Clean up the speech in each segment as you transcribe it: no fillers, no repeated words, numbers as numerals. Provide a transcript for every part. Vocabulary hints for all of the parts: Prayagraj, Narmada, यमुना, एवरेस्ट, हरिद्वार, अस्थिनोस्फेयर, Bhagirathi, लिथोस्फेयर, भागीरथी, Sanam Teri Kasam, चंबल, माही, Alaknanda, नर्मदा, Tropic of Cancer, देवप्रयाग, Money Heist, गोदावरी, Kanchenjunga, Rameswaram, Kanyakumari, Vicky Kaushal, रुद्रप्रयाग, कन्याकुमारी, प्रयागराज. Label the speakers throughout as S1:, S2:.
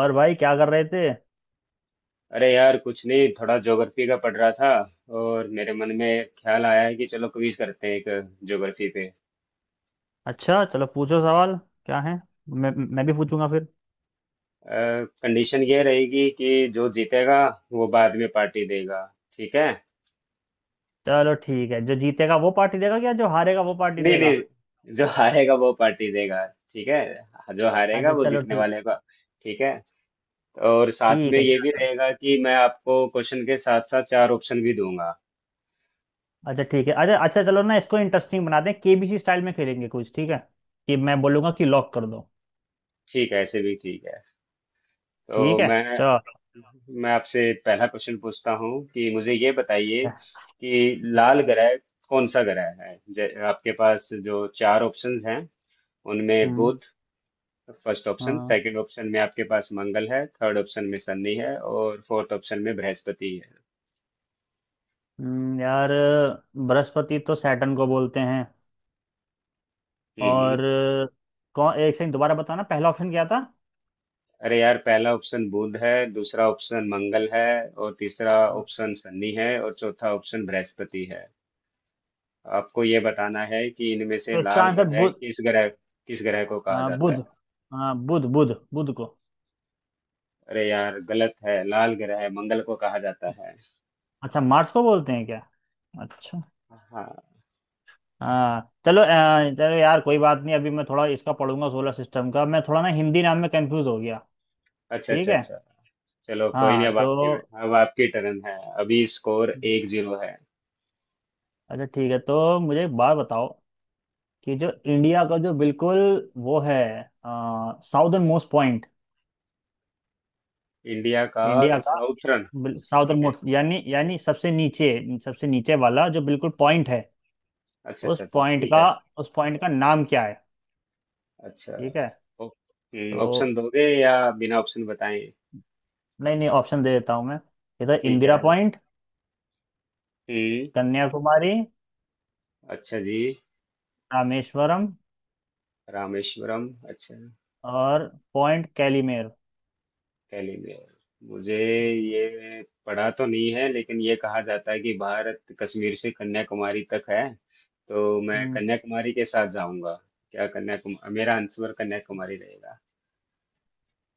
S1: और भाई क्या कर रहे थे।
S2: अरे यार, कुछ नहीं, थोड़ा ज्योग्राफी का पढ़ रहा था। और मेरे मन में ख्याल आया है कि चलो क्विज करते हैं एक ज्योग्राफी पे।
S1: अच्छा, चलो पूछो सवाल। क्या है? मैं मैं भी पूछूंगा फिर।
S2: कंडीशन ये रहेगी कि जो जीतेगा वो बाद में पार्टी देगा। ठीक है?
S1: चलो, ठीक है, जो जीतेगा वो पार्टी देगा? क्या जो हारेगा वो पार्टी
S2: नहीं
S1: देगा?
S2: नहीं, जो हारेगा वो पार्टी देगा। ठीक है। जो हारेगा
S1: अच्छा
S2: वो
S1: चलो
S2: जीतने
S1: ठीक।
S2: वाले का। ठीक है। और साथ में
S1: ठीक है
S2: ये भी
S1: चलो।
S2: रहेगा कि मैं आपको क्वेश्चन के साथ साथ चार ऑप्शन भी दूंगा।
S1: अच्छा ठीक है, अच्छा अच्छा, चलो ना, इसको इंटरेस्टिंग बना दें, केबीसी स्टाइल में खेलेंगे कुछ, ठीक है? कि मैं बोलूंगा कि लॉक कर दो।
S2: ठीक है, ऐसे भी ठीक है। तो
S1: ठीक है,
S2: मैं
S1: चलो।
S2: मैं आपसे पहला प्रश्न पूछता हूँ कि मुझे ये बताइए कि लाल ग्रह कौन सा ग्रह है। आपके पास जो चार ऑप्शंस हैं, उनमें
S1: हम्म।
S2: बुध फर्स्ट ऑप्शन,
S1: हाँ।
S2: सेकंड ऑप्शन में आपके पास मंगल है, थर्ड ऑप्शन में शनि है, और फोर्थ ऑप्शन में बृहस्पति है।
S1: यार, बृहस्पति तो सैटर्न को बोलते हैं।
S2: हम्म हम्म।
S1: और कौन, एक सेकंड, दोबारा बताना, पहला ऑप्शन क्या था?
S2: अरे यार, पहला ऑप्शन बुध है, दूसरा ऑप्शन मंगल है, और तीसरा ऑप्शन शनि है, और चौथा ऑप्शन बृहस्पति है। आपको ये बताना है कि इनमें से
S1: तो इसका
S2: लाल
S1: आंसर
S2: ग्रह
S1: बुध,
S2: किस ग्रह किस ग्रह को कहा
S1: हाँ ये
S2: जाता
S1: बुध,
S2: है।
S1: तो हाँ, बुध, बुध को।
S2: अरे यार गलत है, लाल ग्रह है मंगल को कहा जाता है।
S1: अच्छा, मार्स को बोलते हैं क्या? अच्छा।
S2: हाँ।
S1: हाँ चलो चलो यार कोई बात नहीं, अभी मैं थोड़ा इसका पढ़ूंगा, सोलर सिस्टम का, मैं थोड़ा ना हिंदी नाम में कंफ्यूज हो गया।
S2: अच्छा
S1: ठीक
S2: अच्छा
S1: है।
S2: अच्छा। चलो कोई नहीं।
S1: हाँ
S2: अब आपकी
S1: तो
S2: अब आपकी टर्न है। अभी स्कोर 1-0 है।
S1: अच्छा ठीक है, तो मुझे एक बात बताओ कि जो इंडिया का जो बिल्कुल वो है, साउदर्न मोस्ट पॉइंट।
S2: इंडिया का
S1: इंडिया का
S2: साउथ रन।
S1: साउदर्न
S2: ठीक है।
S1: मोस्ट यानी यानी सबसे नीचे, सबसे नीचे वाला जो बिल्कुल पॉइंट है,
S2: अच्छा
S1: उस
S2: अच्छा अच्छा,
S1: पॉइंट
S2: ठीक
S1: का
S2: है।
S1: उस पॉइंट का नाम क्या है?
S2: अच्छा।
S1: ठीक है
S2: ओ-
S1: तो
S2: ऑप्शन दोगे या बिना ऑप्शन बताएं?
S1: नहीं नहीं, ऑप्शन दे देता हूँ मैं। इधर
S2: ठीक
S1: इंदिरा
S2: है।
S1: पॉइंट,
S2: हम्म।
S1: कन्याकुमारी,
S2: अच्छा जी।
S1: रामेश्वरम
S2: रामेश्वरम। अच्छा।
S1: और पॉइंट कैलीमेर।
S2: टेलीग्राम मुझे ये पढ़ा तो नहीं है लेकिन ये कहा जाता है कि भारत कश्मीर से कन्याकुमारी तक है, तो मैं
S1: हम्म।
S2: कन्याकुमारी के साथ जाऊंगा। क्या कन्याकुमारी? मेरा आंसर कन्याकुमारी रहेगा।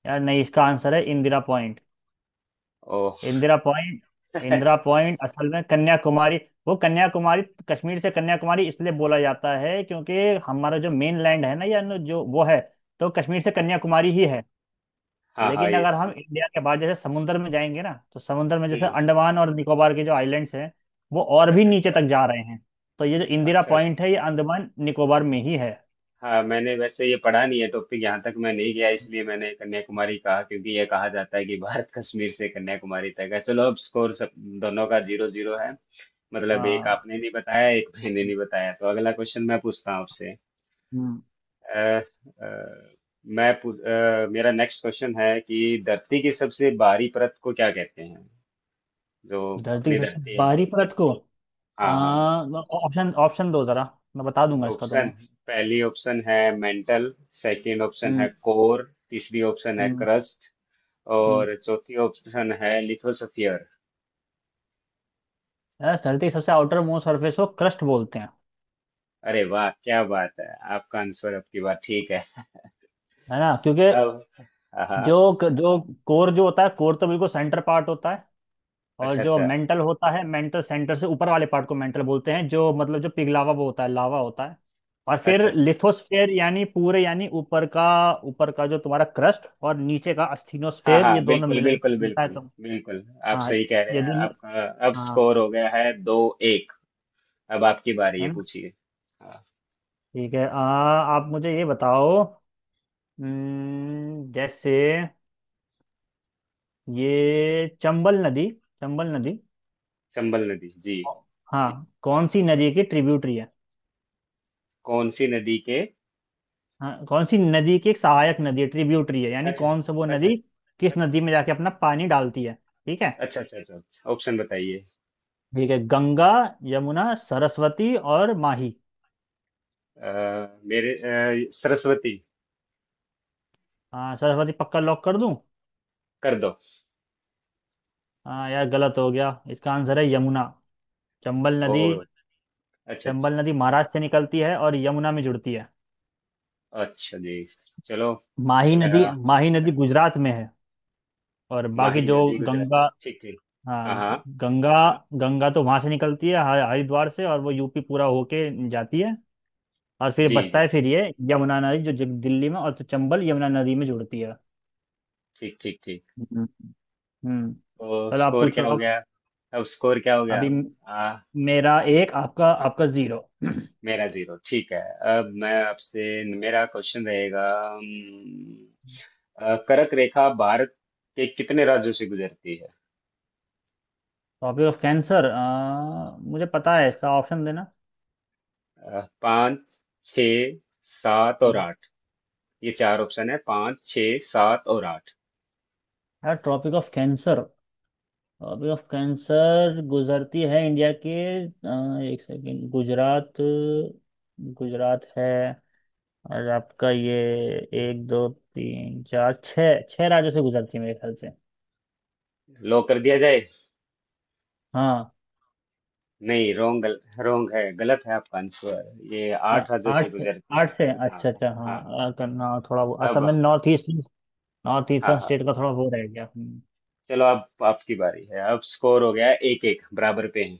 S1: यार नहीं, इसका आंसर है इंदिरा पॉइंट।
S2: ओ।
S1: इंदिरा पॉइंट। इंदिरा पॉइंट असल में कन्याकुमारी, वो कन्याकुमारी कश्मीर से कन्याकुमारी इसलिए बोला जाता है क्योंकि हमारा जो मेन लैंड है ना, या जो वो है, तो कश्मीर से
S2: अच्छा।
S1: कन्याकुमारी ही है।
S2: हाँ हाँ
S1: लेकिन
S2: ये,
S1: अगर हम
S2: इस,
S1: इंडिया के बाहर जैसे समुद्र में जाएंगे ना, तो समुद्र में जैसे
S2: हम्म,
S1: अंडमान और निकोबार के जो आइलैंड्स हैं, वो और भी
S2: अच्छा
S1: नीचे
S2: अच्छा
S1: तक जा रहे हैं। तो ये जो इंदिरा
S2: अच्छा अच्छा।
S1: पॉइंट है, ये अंडमान निकोबार में ही है।
S2: हाँ, मैंने वैसे ये पढ़ा नहीं है, टॉपिक यहाँ तक मैं नहीं गया, इसलिए मैंने कन्याकुमारी कहा क्योंकि ये कहा जाता है कि भारत कश्मीर से कन्याकुमारी तक है। चलो अब स्कोर सब दोनों का 0-0 है। मतलब एक
S1: हाँ।
S2: आपने नहीं बताया, एक मैंने नहीं बताया, तो अगला क्वेश्चन मैं पूछता हूँ आपसे।
S1: हम्म,
S2: अ, अ, मेरा नेक्स्ट क्वेश्चन है कि धरती की सबसे बाहरी परत को क्या कहते हैं? जो
S1: धरती की
S2: अपनी
S1: सबसे
S2: धरती है।
S1: बाहरी परत को आ,
S2: हाँ हाँ।
S1: ऑप्शन ऑप्शन दो जरा, मैं बता दूंगा इसका
S2: ऑप्शन।
S1: तुम्हें।
S2: पहली ऑप्शन है मेंटल, सेकंड ऑप्शन है
S1: हम्म।
S2: कोर, तीसरी ऑप्शन है
S1: हम्म।
S2: क्रस्ट,
S1: हम्म।
S2: और चौथी ऑप्शन है लिथोसफियर।
S1: यार, धरती की सबसे आउटर मोस्ट सरफेस को क्रस्ट बोलते हैं,
S2: अरे वाह क्या बात है! आपका आंसर, आपकी बात ठीक है।
S1: है ना? क्योंकि
S2: अब हाँ हाँ।
S1: जो जो कोर जो होता है, कोर तो बिल्कुल सेंटर पार्ट होता है। और
S2: अच्छा
S1: जो
S2: अच्छा
S1: मेंटल होता है, मेंटल सेंटर से ऊपर वाले पार्ट को मेंटल बोलते हैं, जो मतलब जो पिघलावा वो होता है, लावा होता है। और
S2: अच्छा
S1: फिर
S2: अच्छा।
S1: लिथोस्फेयर यानी पूरे यानी ऊपर का जो तुम्हारा क्रस्ट और नीचे का
S2: हाँ
S1: अस्थिनोस्फेयर, ये
S2: हाँ
S1: दोनों
S2: बिल्कुल
S1: मिला के
S2: बिल्कुल
S1: बनता है
S2: बिल्कुल
S1: तो।
S2: बिल्कुल। आप
S1: हाँ।
S2: सही कह रहे हैं।
S1: यदि मैं-
S2: आपका अब
S1: हाँ,
S2: स्कोर हो गया है 2-1। अब आपकी बारी
S1: है
S2: है,
S1: ना?
S2: पूछिए। हाँ।
S1: ठीक है आप मुझे ये बताओ, जैसे ये चंबल नदी, चंबल नदी,
S2: चंबल नदी जी।
S1: हाँ, कौन सी नदी की ट्रिब्यूटरी है?
S2: कौन सी नदी के?
S1: हाँ, कौन सी नदी की एक सहायक नदी है, ट्रिब्यूटरी है, यानी
S2: अच्छा
S1: कौन सा वो
S2: अच्छा
S1: नदी किस नदी में जाके अपना पानी डालती है। ठीक है।
S2: अच्छा अच्छा अच्छा। ऑप्शन बताइए।
S1: ठीक है, गंगा, यमुना, सरस्वती और माही।
S2: अ, मेरे सरस्वती।
S1: हाँ सरस्वती, पक्का लॉक कर दूं।
S2: कर दो।
S1: हाँ यार, गलत हो गया, इसका आंसर है यमुना। चंबल
S2: ओ।
S1: नदी,
S2: अच्छा अच्छा
S1: चंबल नदी महाराष्ट्र से निकलती है और यमुना में जुड़ती है।
S2: अच्छा। जी। चलो।
S1: माही नदी,
S2: अ,
S1: माही नदी गुजरात में है। और
S2: माही
S1: बाकी जो
S2: नदी
S1: गंगा,
S2: गुजरात। ठीक ठीक।
S1: हाँ
S2: हाँ हाँ।
S1: गंगा, गंगा तो वहां से निकलती है हरिद्वार से और वो यूपी पूरा होके जाती है और फिर
S2: जी
S1: बसता
S2: जी।
S1: है फिर ये यमुना नदी जो दिल्ली में, और तो चंबल यमुना नदी में जुड़ती है।
S2: ठीक ठीक ठीक।
S1: हम्म। हम्म।
S2: तो
S1: चलो आप
S2: स्कोर
S1: पूछो
S2: क्या हो
S1: अब।
S2: गया? अब स्कोर क्या हो गया?
S1: अभी म- मेरा एक, आपका आपका जीरो।
S2: मेरा जीरो। ठीक है। अब मैं आपसे मेरा क्वेश्चन रहेगा। कर्क रेखा भारत के कितने राज्यों से गुजरती है?
S1: टॉपिक ऑफ कैंसर, मुझे पता है इसका, ऑप्शन देना।
S2: पाँच, छ, सात और
S1: हम्म।
S2: आठ। ये चार ऑप्शन है: पाँच, छ, सात और आठ।
S1: यार tropic of cancer, tropic of cancer गुजरती है इंडिया के एक सेकेंड, गुजरात, गुजरात है। और आपका ये एक, दो, तीन, चार, छः छः राज्यों से गुजरती है मेरे ख्याल से।
S2: लो कर दिया जाए।
S1: हाँ।
S2: नहीं रोंग, रोंग है, गलत है आपका आंसर। ये
S1: आ-
S2: आठ राज्यों से
S1: आठ से,
S2: गुजरती है।
S1: आठ से
S2: हाँ
S1: अच्छा
S2: हाँ
S1: अच्छा,
S2: हाँ
S1: हाँ
S2: हाँ
S1: करना थोड़ा वो,
S2: हाँ।
S1: असल
S2: अब
S1: में नॉर्थ ईस्टर्न, नॉर्थ ईस्टर्न
S2: हाँ हाँ।
S1: स्टेट का थोड़ा वो रह गया।
S2: चलो अब आपकी बारी है। अब स्कोर हो गया 1-1, बराबर पे हैं।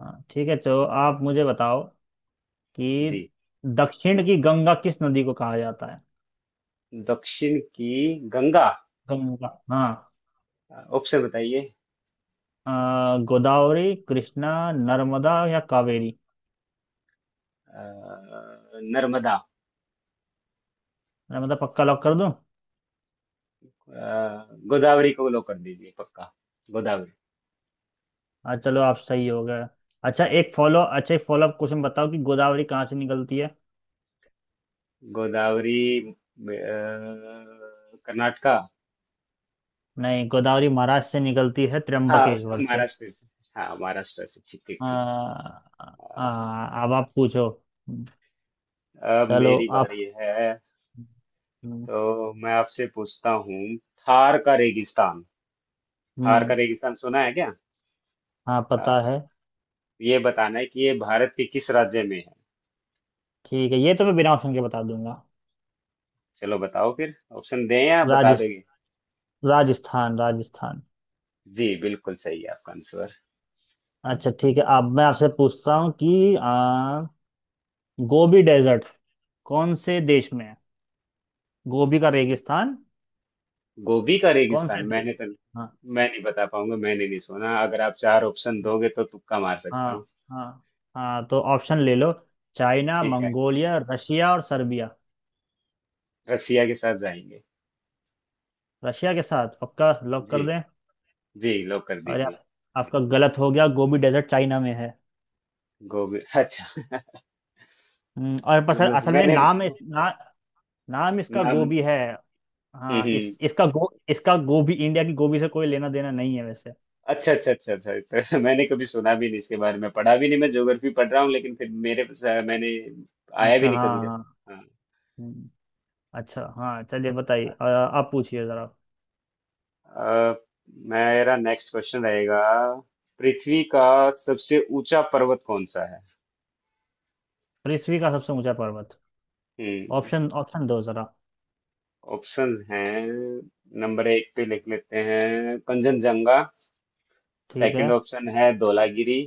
S1: हाँ ठीक है, तो आप मुझे बताओ कि
S2: जी।
S1: दक्षिण की गंगा किस नदी को कहा जाता है।
S2: दक्षिण की गंगा।
S1: गंगा, हाँ।
S2: ऑप्शन बताइए।
S1: गोदावरी, कृष्णा, नर्मदा या कावेरी।
S2: अ, नर्मदा।
S1: नर्मदा पक्का, लॉक कर दूं।
S2: गोदावरी को लो कर दीजिए पक्का। गोदावरी।
S1: हाँ चलो, आप सही हो गए। अच्छा, एक फॉलो अप क्वेश्चन बताओ कि गोदावरी कहाँ से निकलती है।
S2: गोदावरी कर्नाटका।
S1: नहीं, गोदावरी महाराष्ट्र से निकलती है,
S2: हाँ,
S1: त्र्यंबकेश्वर से।
S2: महाराष्ट्र से। हाँ, महाराष्ट्र से ठीक ठीक ठीक।
S1: आ,
S2: अ,
S1: अब आप पूछो।
S2: अब
S1: चलो
S2: मेरी
S1: आप।
S2: बारी है।
S1: हम्म।
S2: तो मैं आपसे पूछता हूँ थार का रेगिस्तान। थार
S1: हम्म,
S2: का रेगिस्तान सुना है क्या?
S1: हाँ पता
S2: हाँ,
S1: है।
S2: ये बताना है कि ये भारत के किस राज्य में है।
S1: ठीक है, ये तो मैं बिना ऑप्शन के बता दूंगा।
S2: चलो बताओ फिर, ऑप्शन दें या बता
S1: राजस्थ
S2: दोगे?
S1: राजस्थान, राजस्थान।
S2: जी बिल्कुल सही है आपका आंसर।
S1: अच्छा ठीक है, अब मैं आपसे पूछता हूँ कि गोबी डेजर्ट कौन से देश में है, गोबी का रेगिस्तान,
S2: गोभी का
S1: कौन
S2: रेगिस्तान
S1: से देश।
S2: मैंने तो,
S1: हाँ
S2: मैं नहीं बता पाऊंगा, मैंने नहीं सुना। अगर आप चार ऑप्शन दोगे तो तुक्का मार सकता हूँ।
S1: हाँ। हाँ हाँ तो ऑप्शन ले लो, चाइना,
S2: ठीक है,
S1: मंगोलिया, रशिया और सर्बिया।
S2: रसिया के साथ जाएंगे।
S1: रशिया के साथ पक्का लॉक कर
S2: जी।
S1: दें?
S2: जी लॉक कर
S1: और
S2: दीजिए।
S1: आपका गलत हो गया, गोबी डेजर्ट चाइना में है।
S2: गोभी? अच्छा।
S1: और
S2: चलो,
S1: बस असल में
S2: मैंने
S1: नाम नाम इसका
S2: नाम
S1: गोबी है। हाँ
S2: हम्म,
S1: इस, इसका गो, इसका गोबी इंडिया की गोबी से कोई लेना देना नहीं है वैसे।
S2: अच्छा अच्छा अच्छा अच्छा। तो मैंने कभी सुना भी नहीं इसके बारे में, पढ़ा भी नहीं। मैं ज्योग्राफी पढ़ रहा हूँ लेकिन फिर मेरे पास, मैंने आया भी
S1: अच्छा,
S2: नहीं
S1: हाँ
S2: कभी।
S1: हाँ हाँ।
S2: हाँ
S1: हम्म, अच्छा हाँ, चलिए बताइए
S2: हाँ।
S1: आप पूछिए जरा।
S2: अ, मेरा नेक्स्ट क्वेश्चन रहेगा, पृथ्वी का सबसे ऊंचा पर्वत कौन सा है?
S1: पृथ्वी का सबसे ऊंचा पर्वत।
S2: हम्म।
S1: ऑप्शन ऑप्शन दो जरा।
S2: ऑप्शंस हैं। नंबर एक पे लिख लेते हैं कंचनजंगा,
S1: ठीक है।
S2: सेकंड ऑप्शन है धौलागिरी,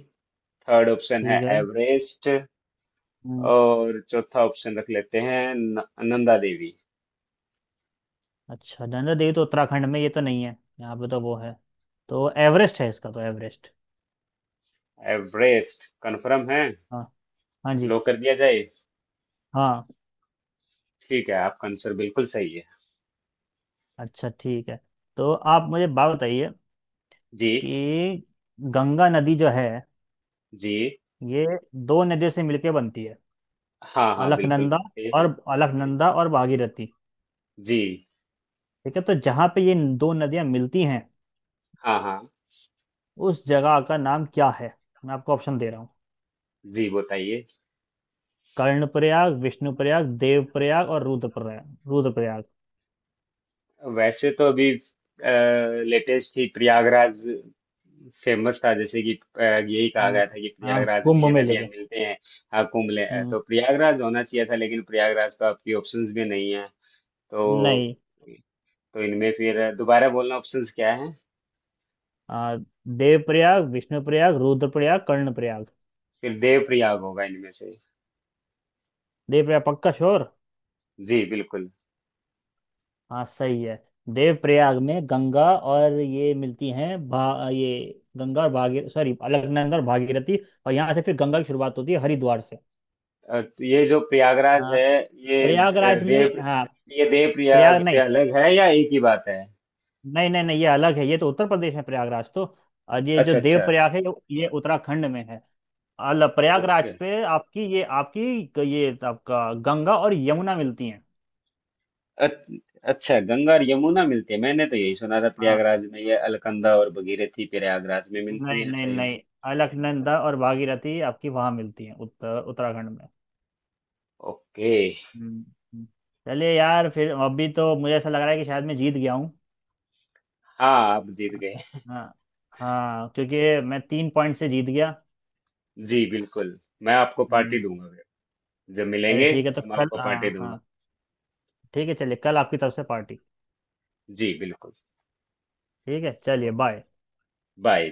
S2: थर्ड ऑप्शन है
S1: ठीक है।
S2: एवरेस्ट,
S1: हम्म,
S2: और चौथा ऑप्शन रख लेते हैं नंदा देवी।
S1: अच्छा, नंदा देवी तो उत्तराखंड में, ये तो नहीं है, यहाँ पे तो वो है। तो एवरेस्ट है इसका, तो एवरेस्ट।
S2: एवरेस्ट कंफर्म है?
S1: हाँ। हाँ जी।
S2: लो कर दिया जाए।
S1: हाँ।
S2: ठीक है, आपका आंसर बिल्कुल सही है।
S1: अच्छा ठीक है, तो आप मुझे बात बताइए
S2: जी।
S1: कि गंगा नदी जो है,
S2: जी।
S1: ये दो नदियों से मिलके बनती है,
S2: हाँ हाँ बिल्कुल
S1: अलकनंदा
S2: बनते।
S1: और भागीरथी।
S2: जी।
S1: ठीक है, तो जहाँ पे ये दो नदियाँ मिलती हैं,
S2: हाँ हाँ।
S1: उस जगह का नाम क्या है? मैं आपको ऑप्शन दे रहा हूँ,
S2: जी बताइए।
S1: कर्णप्रयाग, विष्णुप्रयाग, देवप्रयाग और रुद्रप्रयाग, रुद्रप्रयाग।
S2: वैसे तो अभी लेटेस्ट ही प्रयागराज फेमस था, जैसे कि यही कहा
S1: हम्म,
S2: गया था कि
S1: हाँ
S2: प्रयागराज में
S1: कुंभ
S2: ये
S1: मेले
S2: नदियां
S1: के।
S2: मिलते हैं। हाँ कुंभ ले,
S1: हम्म,
S2: तो प्रयागराज होना चाहिए था लेकिन प्रयागराज तो आपकी ऑप्शंस भी नहीं है। तो
S1: नहीं।
S2: तो इनमें फिर दोबारा बोलना, ऑप्शंस क्या है?
S1: आ, देवप्रयाग, विष्णुप्रयाग, रुद्रप्रयाग, कर्णप्रयाग।
S2: फिर देव प्रयाग होगा इनमें से।
S1: देवप्रयाग पक्का श्योर।
S2: जी बिल्कुल।
S1: हाँ सही है, देवप्रयाग में गंगा और ये मिलती हैं, भा ये गंगा और भागीर सॉरी अलकनंदा और भागीरथी। और यहाँ से फिर गंगा की शुरुआत होती है हरिद्वार से।
S2: तो ये जो प्रयागराज
S1: हाँ,
S2: है, ये अ,
S1: प्रयागराज में,
S2: देव
S1: हाँ।
S2: ये देव प्रयाग
S1: प्रयाग
S2: से
S1: नहीं,
S2: अलग है या एक ही बात है?
S1: नहीं नहीं, ये अलग है, ये तो उत्तर प्रदेश में प्रयागराज तो, और ये जो
S2: अच्छा अच्छा।
S1: देवप्रयाग है, ये उत्तराखंड में है। अल प्रयागराज
S2: ओके।
S1: पे आपकी ये, आपका गंगा और यमुना मिलती हैं।
S2: अच- अच्छा गंगा और यमुना मिलती है, मैंने तो यही सुना था
S1: हाँ।
S2: प्रयागराज में ये अलकनंदा और भगीरथी प्रयागराज में मिलती
S1: नहीं
S2: है।
S1: नहीं
S2: अच्छा, ये।
S1: नहीं, अलकनंदा और भागीरथी आपकी वहाँ मिलती हैं, उत्तराखंड में।
S2: ओके।
S1: हम्म, हम्म। चलिए यार फिर, अभी तो मुझे ऐसा लग रहा है कि शायद मैं जीत गया हूँ।
S2: हाँ, आप जीत गए।
S1: हाँ। हाँ क्योंकि मैं तीन पॉइंट से जीत गया।
S2: जी बिल्कुल, मैं आपको
S1: हम्म।
S2: पार्टी दूंगा फिर। जब
S1: चलिए
S2: मिलेंगे
S1: ठीक है, तो
S2: तो मैं आपको
S1: कल,
S2: पार्टी
S1: हाँ हाँ,
S2: दूंगा।
S1: ठीक है, चलिए, कल आपकी तरफ से पार्टी।
S2: जी बिल्कुल।
S1: ठीक है, चलिए, बाय।
S2: बाय।